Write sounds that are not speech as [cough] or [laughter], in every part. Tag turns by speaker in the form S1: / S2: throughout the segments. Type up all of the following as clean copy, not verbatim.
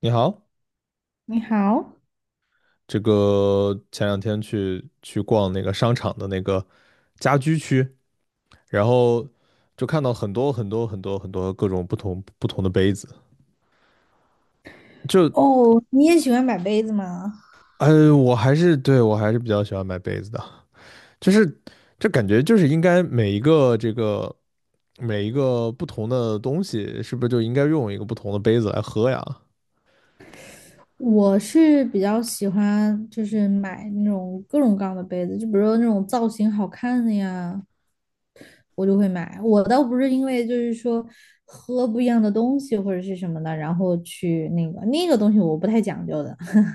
S1: 你好，
S2: 你好。
S1: 这个前两天去逛那个商场的那个家居区，然后就看到很多各种不同的杯子，就
S2: 哦，你也喜欢买杯子吗？
S1: 我还是比较喜欢买杯子的，就是这感觉就是应该每一个这个每一个不同的东西，是不是就应该用一个不同的杯子来喝呀？
S2: 我是比较喜欢就是买那种各种各样的杯子，就比如说那种造型好看的呀，我就会买。我倒不是因为就是说喝不一样的东西或者是什么的，然后去那个东西我不太讲究的。[laughs]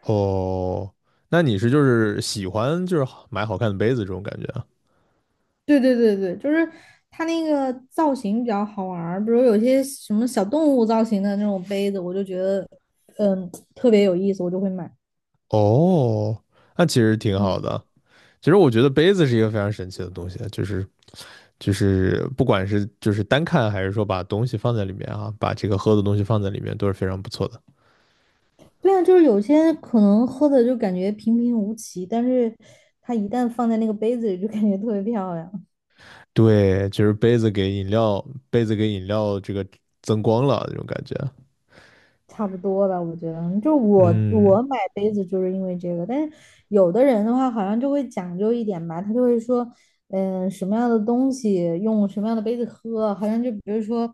S1: 哦，那你是就是喜欢就是好买好看的杯子这种感觉啊？
S2: 对对对对，就是它那个造型比较好玩儿，比如有些什么小动物造型的那种杯子，我就觉得特别有意思，我就会买。
S1: 哦，那其实挺
S2: 嗯。
S1: 好的。其实我觉得杯子是一个非常神奇的东西啊，就是就是不管是就是单看还是说把东西放在里面啊，把这个喝的东西放在里面都是非常不错的。
S2: 对啊，就是有些可能喝的就感觉平平无奇，但是它一旦放在那个杯子里，就感觉特别漂亮。
S1: 对，就是杯子给饮料，杯子给饮料这个增光了这种感觉。
S2: 差不多吧，我觉得，就我
S1: 嗯，
S2: 我买杯子就是因为这个，但是有的人的话好像就会讲究一点吧，他就会说，嗯、什么样的东西用什么样的杯子喝，好像就比如说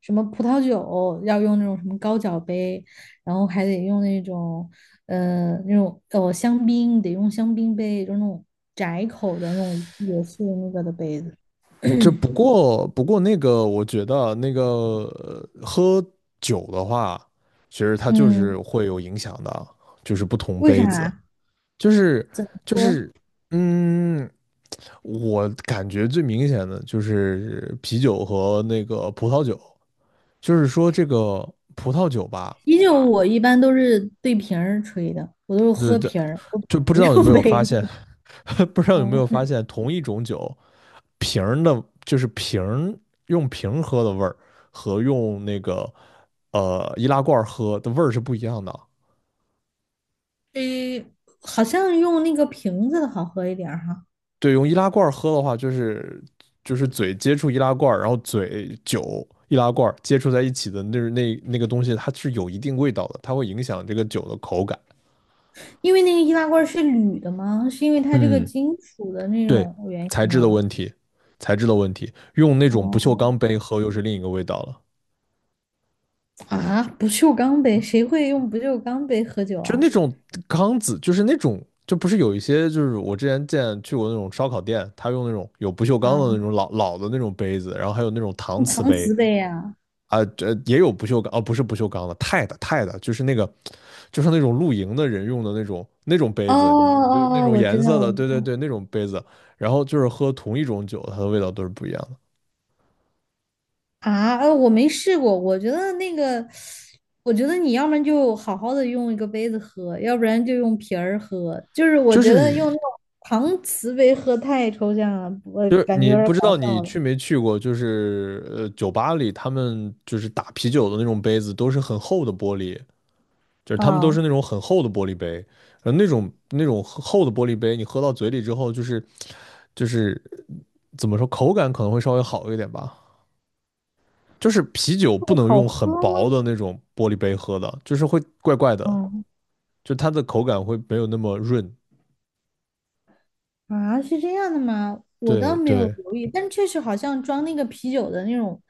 S2: 什么葡萄酒要用那种什么高脚杯，然后还得用那种，那种香槟得用香槟杯，就那种窄口的那种也是那个的杯子。
S1: 这不过那个我觉得啊那个喝酒的话，其实它就
S2: 嗯，
S1: 是会有影响的啊，就是不同
S2: 为
S1: 杯子。
S2: 啥？
S1: 就是就是，嗯，我感觉最明显的就是啤酒和那个葡萄酒，就是说这个葡萄酒吧，
S2: 啤酒我一般都是对瓶儿吹的，我都是喝
S1: 这
S2: 瓶儿，我
S1: 就不知
S2: 不
S1: 道有没
S2: 用
S1: 有发
S2: 杯
S1: 现，
S2: 子。
S1: [laughs]
S2: [laughs]
S1: 不知道有没有
S2: 嗯。
S1: 发现，同一种酒瓶儿的，就是瓶儿用瓶儿喝的味儿和用那个易拉罐儿喝的味儿是不一样的。
S2: 诶，好像用那个瓶子的好喝一点儿哈，
S1: 对，用易拉罐儿喝的话，就是嘴接触易拉罐儿然后嘴酒易拉罐儿接触在一起的那个东西，它是有一定味道的，它会影响这个酒的口感。
S2: 因为那个易拉罐是铝的吗？是因为它这个
S1: 嗯，
S2: 金属的那
S1: 对，
S2: 种原
S1: 材
S2: 因
S1: 质的
S2: 啊？
S1: 问题，材质的问题，用那种不锈
S2: 哦。
S1: 钢杯喝又是另一个味道了。
S2: 啊，不锈钢杯，谁会用不锈钢杯喝酒
S1: 就
S2: 啊？
S1: 那种缸子，就是那种，就不是有一些，就是我之前见去过那种烧烤店，他用那种有不锈钢的那
S2: 啊，
S1: 种老老的那种杯子，然后还有那种
S2: 用
S1: 搪瓷
S2: 搪
S1: 杯，
S2: 瓷杯呀、
S1: 啊，这也有不锈钢，哦，不是不锈钢的，钛的，钛的，就是那个，就是那种露营的人用的那种杯
S2: 哦
S1: 子，你就那
S2: 哦哦，
S1: 种
S2: 我
S1: 颜
S2: 知道，
S1: 色
S2: 我
S1: 的，
S2: 知
S1: 对对
S2: 道。
S1: 对，那种杯子，然后就是喝同一种酒，它的味道都是不一样的，
S2: 啊，我没试过，我觉得那个，我觉得你要不然就好好的用一个杯子喝，要不然就用瓶儿喝，就是我
S1: 就
S2: 觉得用那
S1: 是
S2: 种搪瓷杯喝太抽象了，我
S1: 就是
S2: 感觉
S1: 你
S2: 有点儿
S1: 不
S2: 搞
S1: 知道你
S2: 笑了
S1: 去没去过，就是酒吧里他们就是打啤酒的那种杯子都是很厚的玻璃，就是他们都
S2: 啊。
S1: 是那种很厚的玻璃杯，那种厚的玻璃杯，你喝到嘴里之后，就是怎么说，口感可能会稍微好一点吧。就是啤酒不
S2: 会
S1: 能
S2: 好
S1: 用很
S2: 喝
S1: 薄
S2: 吗？
S1: 的那种玻璃杯喝的，就是会怪怪的，
S2: 嗯。
S1: 就它的口感会没有那么润。
S2: 啊，是这样的吗？我倒
S1: 对
S2: 没有
S1: 对
S2: 留意，但确实好像装那个啤酒的那种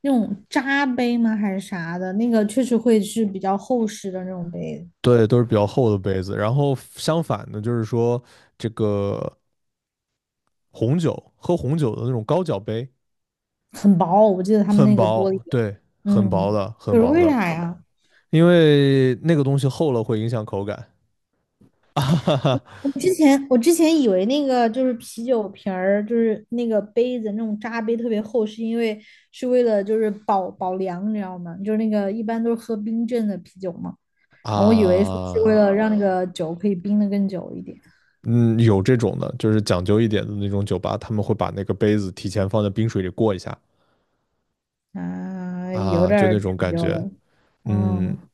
S2: 那种扎杯吗？还是啥的？那个确实会是比较厚实的那种杯子。
S1: 对，都是比较厚的杯子。然后相反的，就是说这个红酒，喝红酒的那种高脚杯，
S2: 很薄，我记得他们
S1: 很
S2: 那个玻璃。
S1: 薄，对，很薄
S2: 嗯，
S1: 的，
S2: 可
S1: 很
S2: 是
S1: 薄
S2: 为
S1: 的。
S2: 啥呀？
S1: 因为那个东西厚了会影响口感
S2: 我之前以为那个就是啤酒瓶儿，就是那个杯子那种扎杯特别厚，是因为是为了就是保凉，你知道吗？就是那个一般都是喝冰镇的啤酒嘛，然后我以为是为
S1: 啊。
S2: 了让那个酒可以冰的更久一点。
S1: 嗯，有这种的，就是讲究一点的那种酒吧，他们会把那个杯子提前放在冰水里过一下
S2: 啊，有
S1: 啊，
S2: 点
S1: 就
S2: 儿
S1: 那种
S2: 讲
S1: 感
S2: 究
S1: 觉。
S2: 了。
S1: 嗯，
S2: 嗯。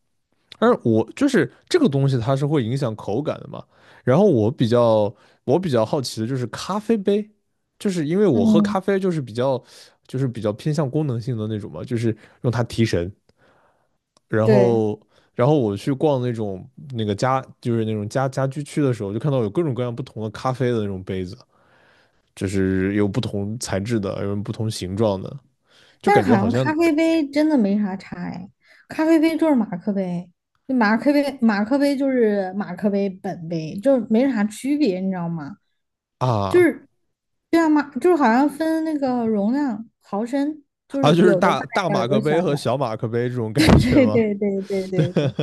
S1: 而我就是这个东西，它是会影响口感的嘛。然后我比较好奇的就是咖啡杯，就是因为我喝
S2: 嗯，
S1: 咖啡就是比较就是比较偏向功能性的那种嘛，就是用它提神然
S2: 对，
S1: 后然后我去逛那种那个家就是那种家家居区的时候，就看到有各种各样不同的咖啡的那种杯子，就是有不同材质的，有不同形状的，就
S2: 但
S1: 感
S2: 是
S1: 觉
S2: 好
S1: 好
S2: 像
S1: 像
S2: 咖啡杯真的没啥差哎，咖啡杯就是马克杯，就马克杯就是马克杯本杯，就是没啥区别，你知道吗？就
S1: 啊
S2: 是，对啊，马就是好像分那个容量毫升，就
S1: 啊，
S2: 是
S1: 就是
S2: 有的大
S1: 大
S2: 一
S1: 大
S2: 点儿，
S1: 马
S2: 有
S1: 克
S2: 的
S1: 杯
S2: 小
S1: 和
S2: 点儿。
S1: 小马克杯这种
S2: [laughs]
S1: 感觉
S2: 对
S1: 吗？
S2: 对对对
S1: [laughs] 对，
S2: 对对，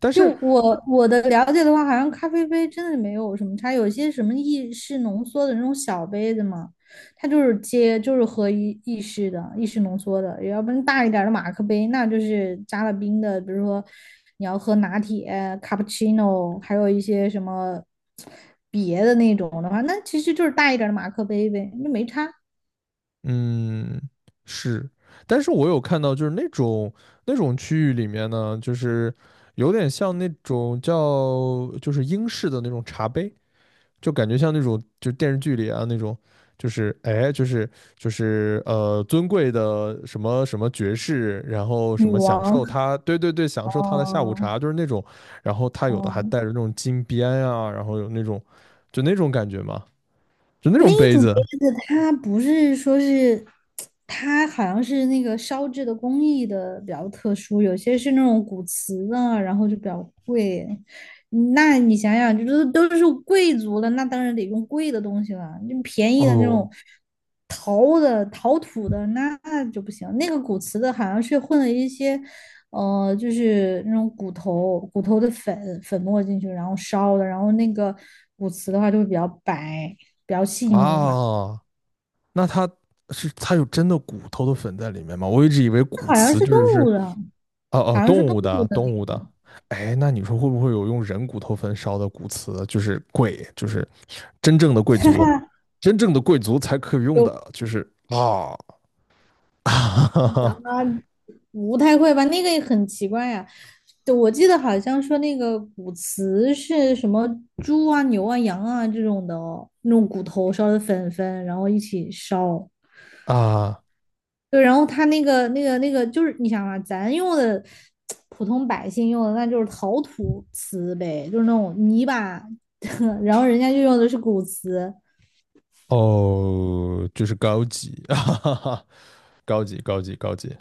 S1: 但
S2: 就
S1: 是
S2: 我的了解的话，好像咖啡杯真的没有什么差，有些什么意式浓缩的那种小杯子嘛，它就是接就是喝意式的意式浓缩的，要不然大一点的马克杯，那就是加了冰的，比如说你要喝拿铁、卡布奇诺，还有一些什么别的那种的话，那其实就是大一点的马克杯呗，那没差。
S1: 嗯是，但是我有看到就是那种那种区域里面呢，就是有点像那种叫就是英式的那种茶杯。就感觉像那种就电视剧里啊那种，就是哎就是就是尊贵的什么什么爵士，然后
S2: 女
S1: 什么享
S2: 王，
S1: 受他，对对对，
S2: [laughs]
S1: 享受他的下午
S2: 哦
S1: 茶，就是那种，然后他有的还
S2: 哦。
S1: 带着那种金边啊，然后有那种就那种感觉嘛，就那种
S2: 那
S1: 杯
S2: 种
S1: 子
S2: 杯子它不是说是，它好像是那个烧制的工艺的比较特殊，有些是那种古瓷的，然后就比较贵。嗯，那你想想，就是都是贵族了，那当然得用贵的东西了。就便宜的那
S1: 哦
S2: 种陶的、陶土的，那就不行。那个古瓷的好像是混了一些。就是那种骨头的粉粉末进去，然后烧的，然后那个骨瓷的话就会比较白，比较细腻吧。
S1: 啊，那他是他有真的骨头的粉在里面吗？我一直以为骨
S2: 好像
S1: 瓷
S2: 是
S1: 就
S2: 动
S1: 是
S2: 物
S1: 是
S2: 的，
S1: 哦哦，
S2: 好像
S1: 动
S2: 是动
S1: 物
S2: 物
S1: 的，
S2: 的
S1: 动物
S2: 那
S1: 的。
S2: 种。
S1: 哎，那你说会不会有用人骨头焚烧的骨瓷就是贵，就是真正的贵
S2: [laughs] 哈
S1: 族，
S2: 哈，
S1: 真正的贵族才可以用
S2: 有。
S1: 的，就是啊
S2: 咱
S1: [laughs]
S2: 们不太会吧？那个也很奇怪呀、对，我记得好像说那个骨瓷是什么猪啊、牛啊、羊啊这种的那种骨头烧的粉粉，然后一起烧。
S1: 啊
S2: 对，然后他那个就是你想嘛，咱用的普通百姓用的那就是陶土瓷呗，就是那种泥巴，[laughs] 然后人家就用的是古瓷。
S1: 哦，就是高级，[laughs] 哈哈哈，高级，高级，高级。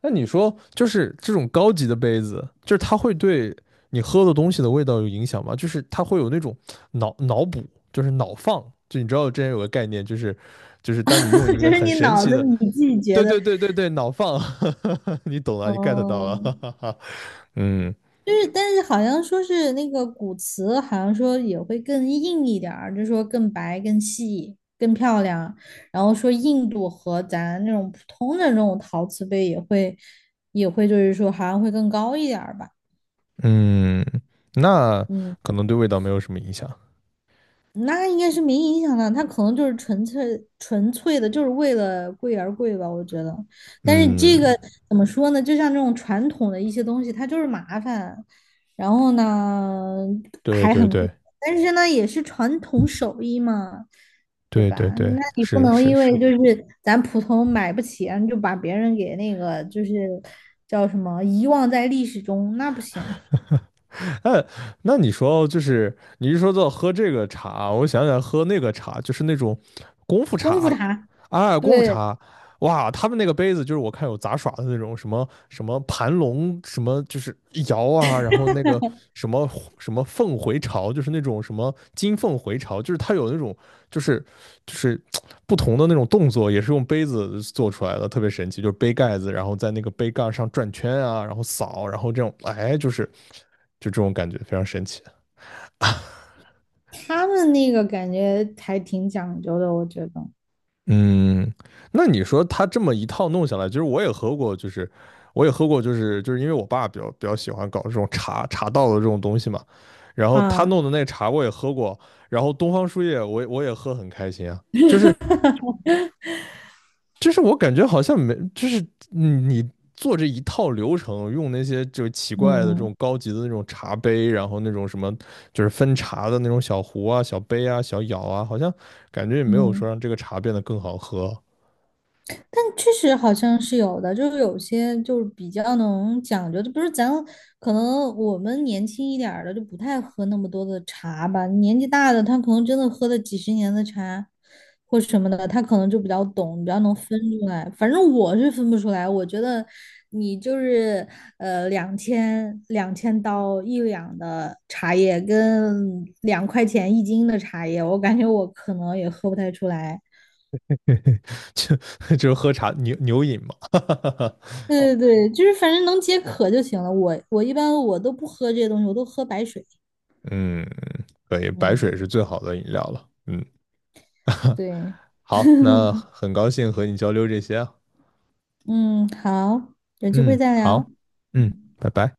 S1: 那你说，就是这种高级的杯子，就是它会对你喝的东西的味道有影响吗？就是它会有那种脑脑补，就是脑放，就你知道之前有个概念，就是就是当你用一
S2: [laughs] 就
S1: 个
S2: 是
S1: 很
S2: 你
S1: 神
S2: 脑
S1: 奇
S2: 子
S1: 的，
S2: 你自己觉
S1: 对
S2: 得。
S1: 对对对对，脑放，[laughs] 你懂了，你 get 到了，[laughs] 哈
S2: 嗯，
S1: 哈哈。嗯
S2: 就是但是好像说是那个古瓷，好像说也会更硬一点儿，就是说更白、更细、更漂亮，然后说硬度和咱那种普通的那种陶瓷杯也会就是说好像会更高一点儿吧。
S1: 嗯，那
S2: 嗯。
S1: 可能对味道没有什么影响，
S2: 那应该是没影响的，他可能就是纯粹的，就是为了贵而贵吧，我觉得。但是
S1: 嗯，
S2: 这个怎么说呢？就像这种传统的一些东西，它就是麻烦，然后呢
S1: 对
S2: 还
S1: 对
S2: 很贵，
S1: 对
S2: 但是呢也是传统手艺嘛，对
S1: 对对
S2: 吧？
S1: 对，
S2: 那你不
S1: 是
S2: 能
S1: 是
S2: 因为
S1: 是，
S2: 就是咱普通买不起啊你就把别人给那个就是叫什么遗忘在历史中，那不行。
S1: [laughs] 哎，那你说就是你一说到喝这个茶，我想起来喝那个茶，就是那种功夫
S2: 功夫
S1: 茶，
S2: 茶，
S1: 啊，功夫
S2: 对。
S1: 茶，哇，他们那个杯子就是我看有杂耍的那种什么什么盘龙，什么就是摇啊，然后那个什么什么凤回巢，就是那种什么金凤回巢，就是它有那种就是就是不同的那种动作，也是用杯子做出来的，特别神奇。就是杯盖子，然后在那个杯盖上转圈啊，然后扫，然后这种，哎，就是就这种感觉，非常神奇。
S2: 他们那个感觉还挺讲究的，我觉得。
S1: 嗯，那你说他这么一套弄下来，其实我也喝过，就是我也喝过，就是就是因为我爸比较喜欢搞这种茶茶道的这种东西嘛，然后他
S2: 啊，
S1: 弄的那茶我也喝过，然后东方树叶我也喝很开心啊。就是就是我感觉好像没，就是嗯你做这一套流程，用那些就奇怪的这
S2: 嗯
S1: 种高级的那种茶杯，然后那种什么就是分茶的那种小壶啊、小杯啊、小舀啊，好像感觉也没有说
S2: 嗯，
S1: 让这个茶变得更好喝，
S2: 但确实好像是有的，就是有些就是比较能讲究，就不是咱可能我们年轻一点儿的就不太喝那么多的茶吧，年纪大的他可能真的喝了几十年的茶或什么的，他可能就比较懂，比较能分出来。反正我是分不出来，我觉得你就是两千刀1两的茶叶跟2块钱1斤的茶叶，我感觉我可能也喝不太出来。
S1: [laughs] 就就是喝茶牛牛饮嘛，
S2: 对对对，就是反正能解渴就行了。我一般我都不喝这些东西，我都喝白水。
S1: [laughs] 嗯，可以，白
S2: 嗯，
S1: 水是最好的饮料了，嗯，[laughs]
S2: 对。
S1: 好，那
S2: [laughs]
S1: 很高兴和你交流这些啊，
S2: 嗯，好，有机会
S1: 嗯，
S2: 再聊。
S1: 好，嗯，拜拜。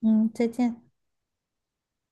S2: 嗯，再见。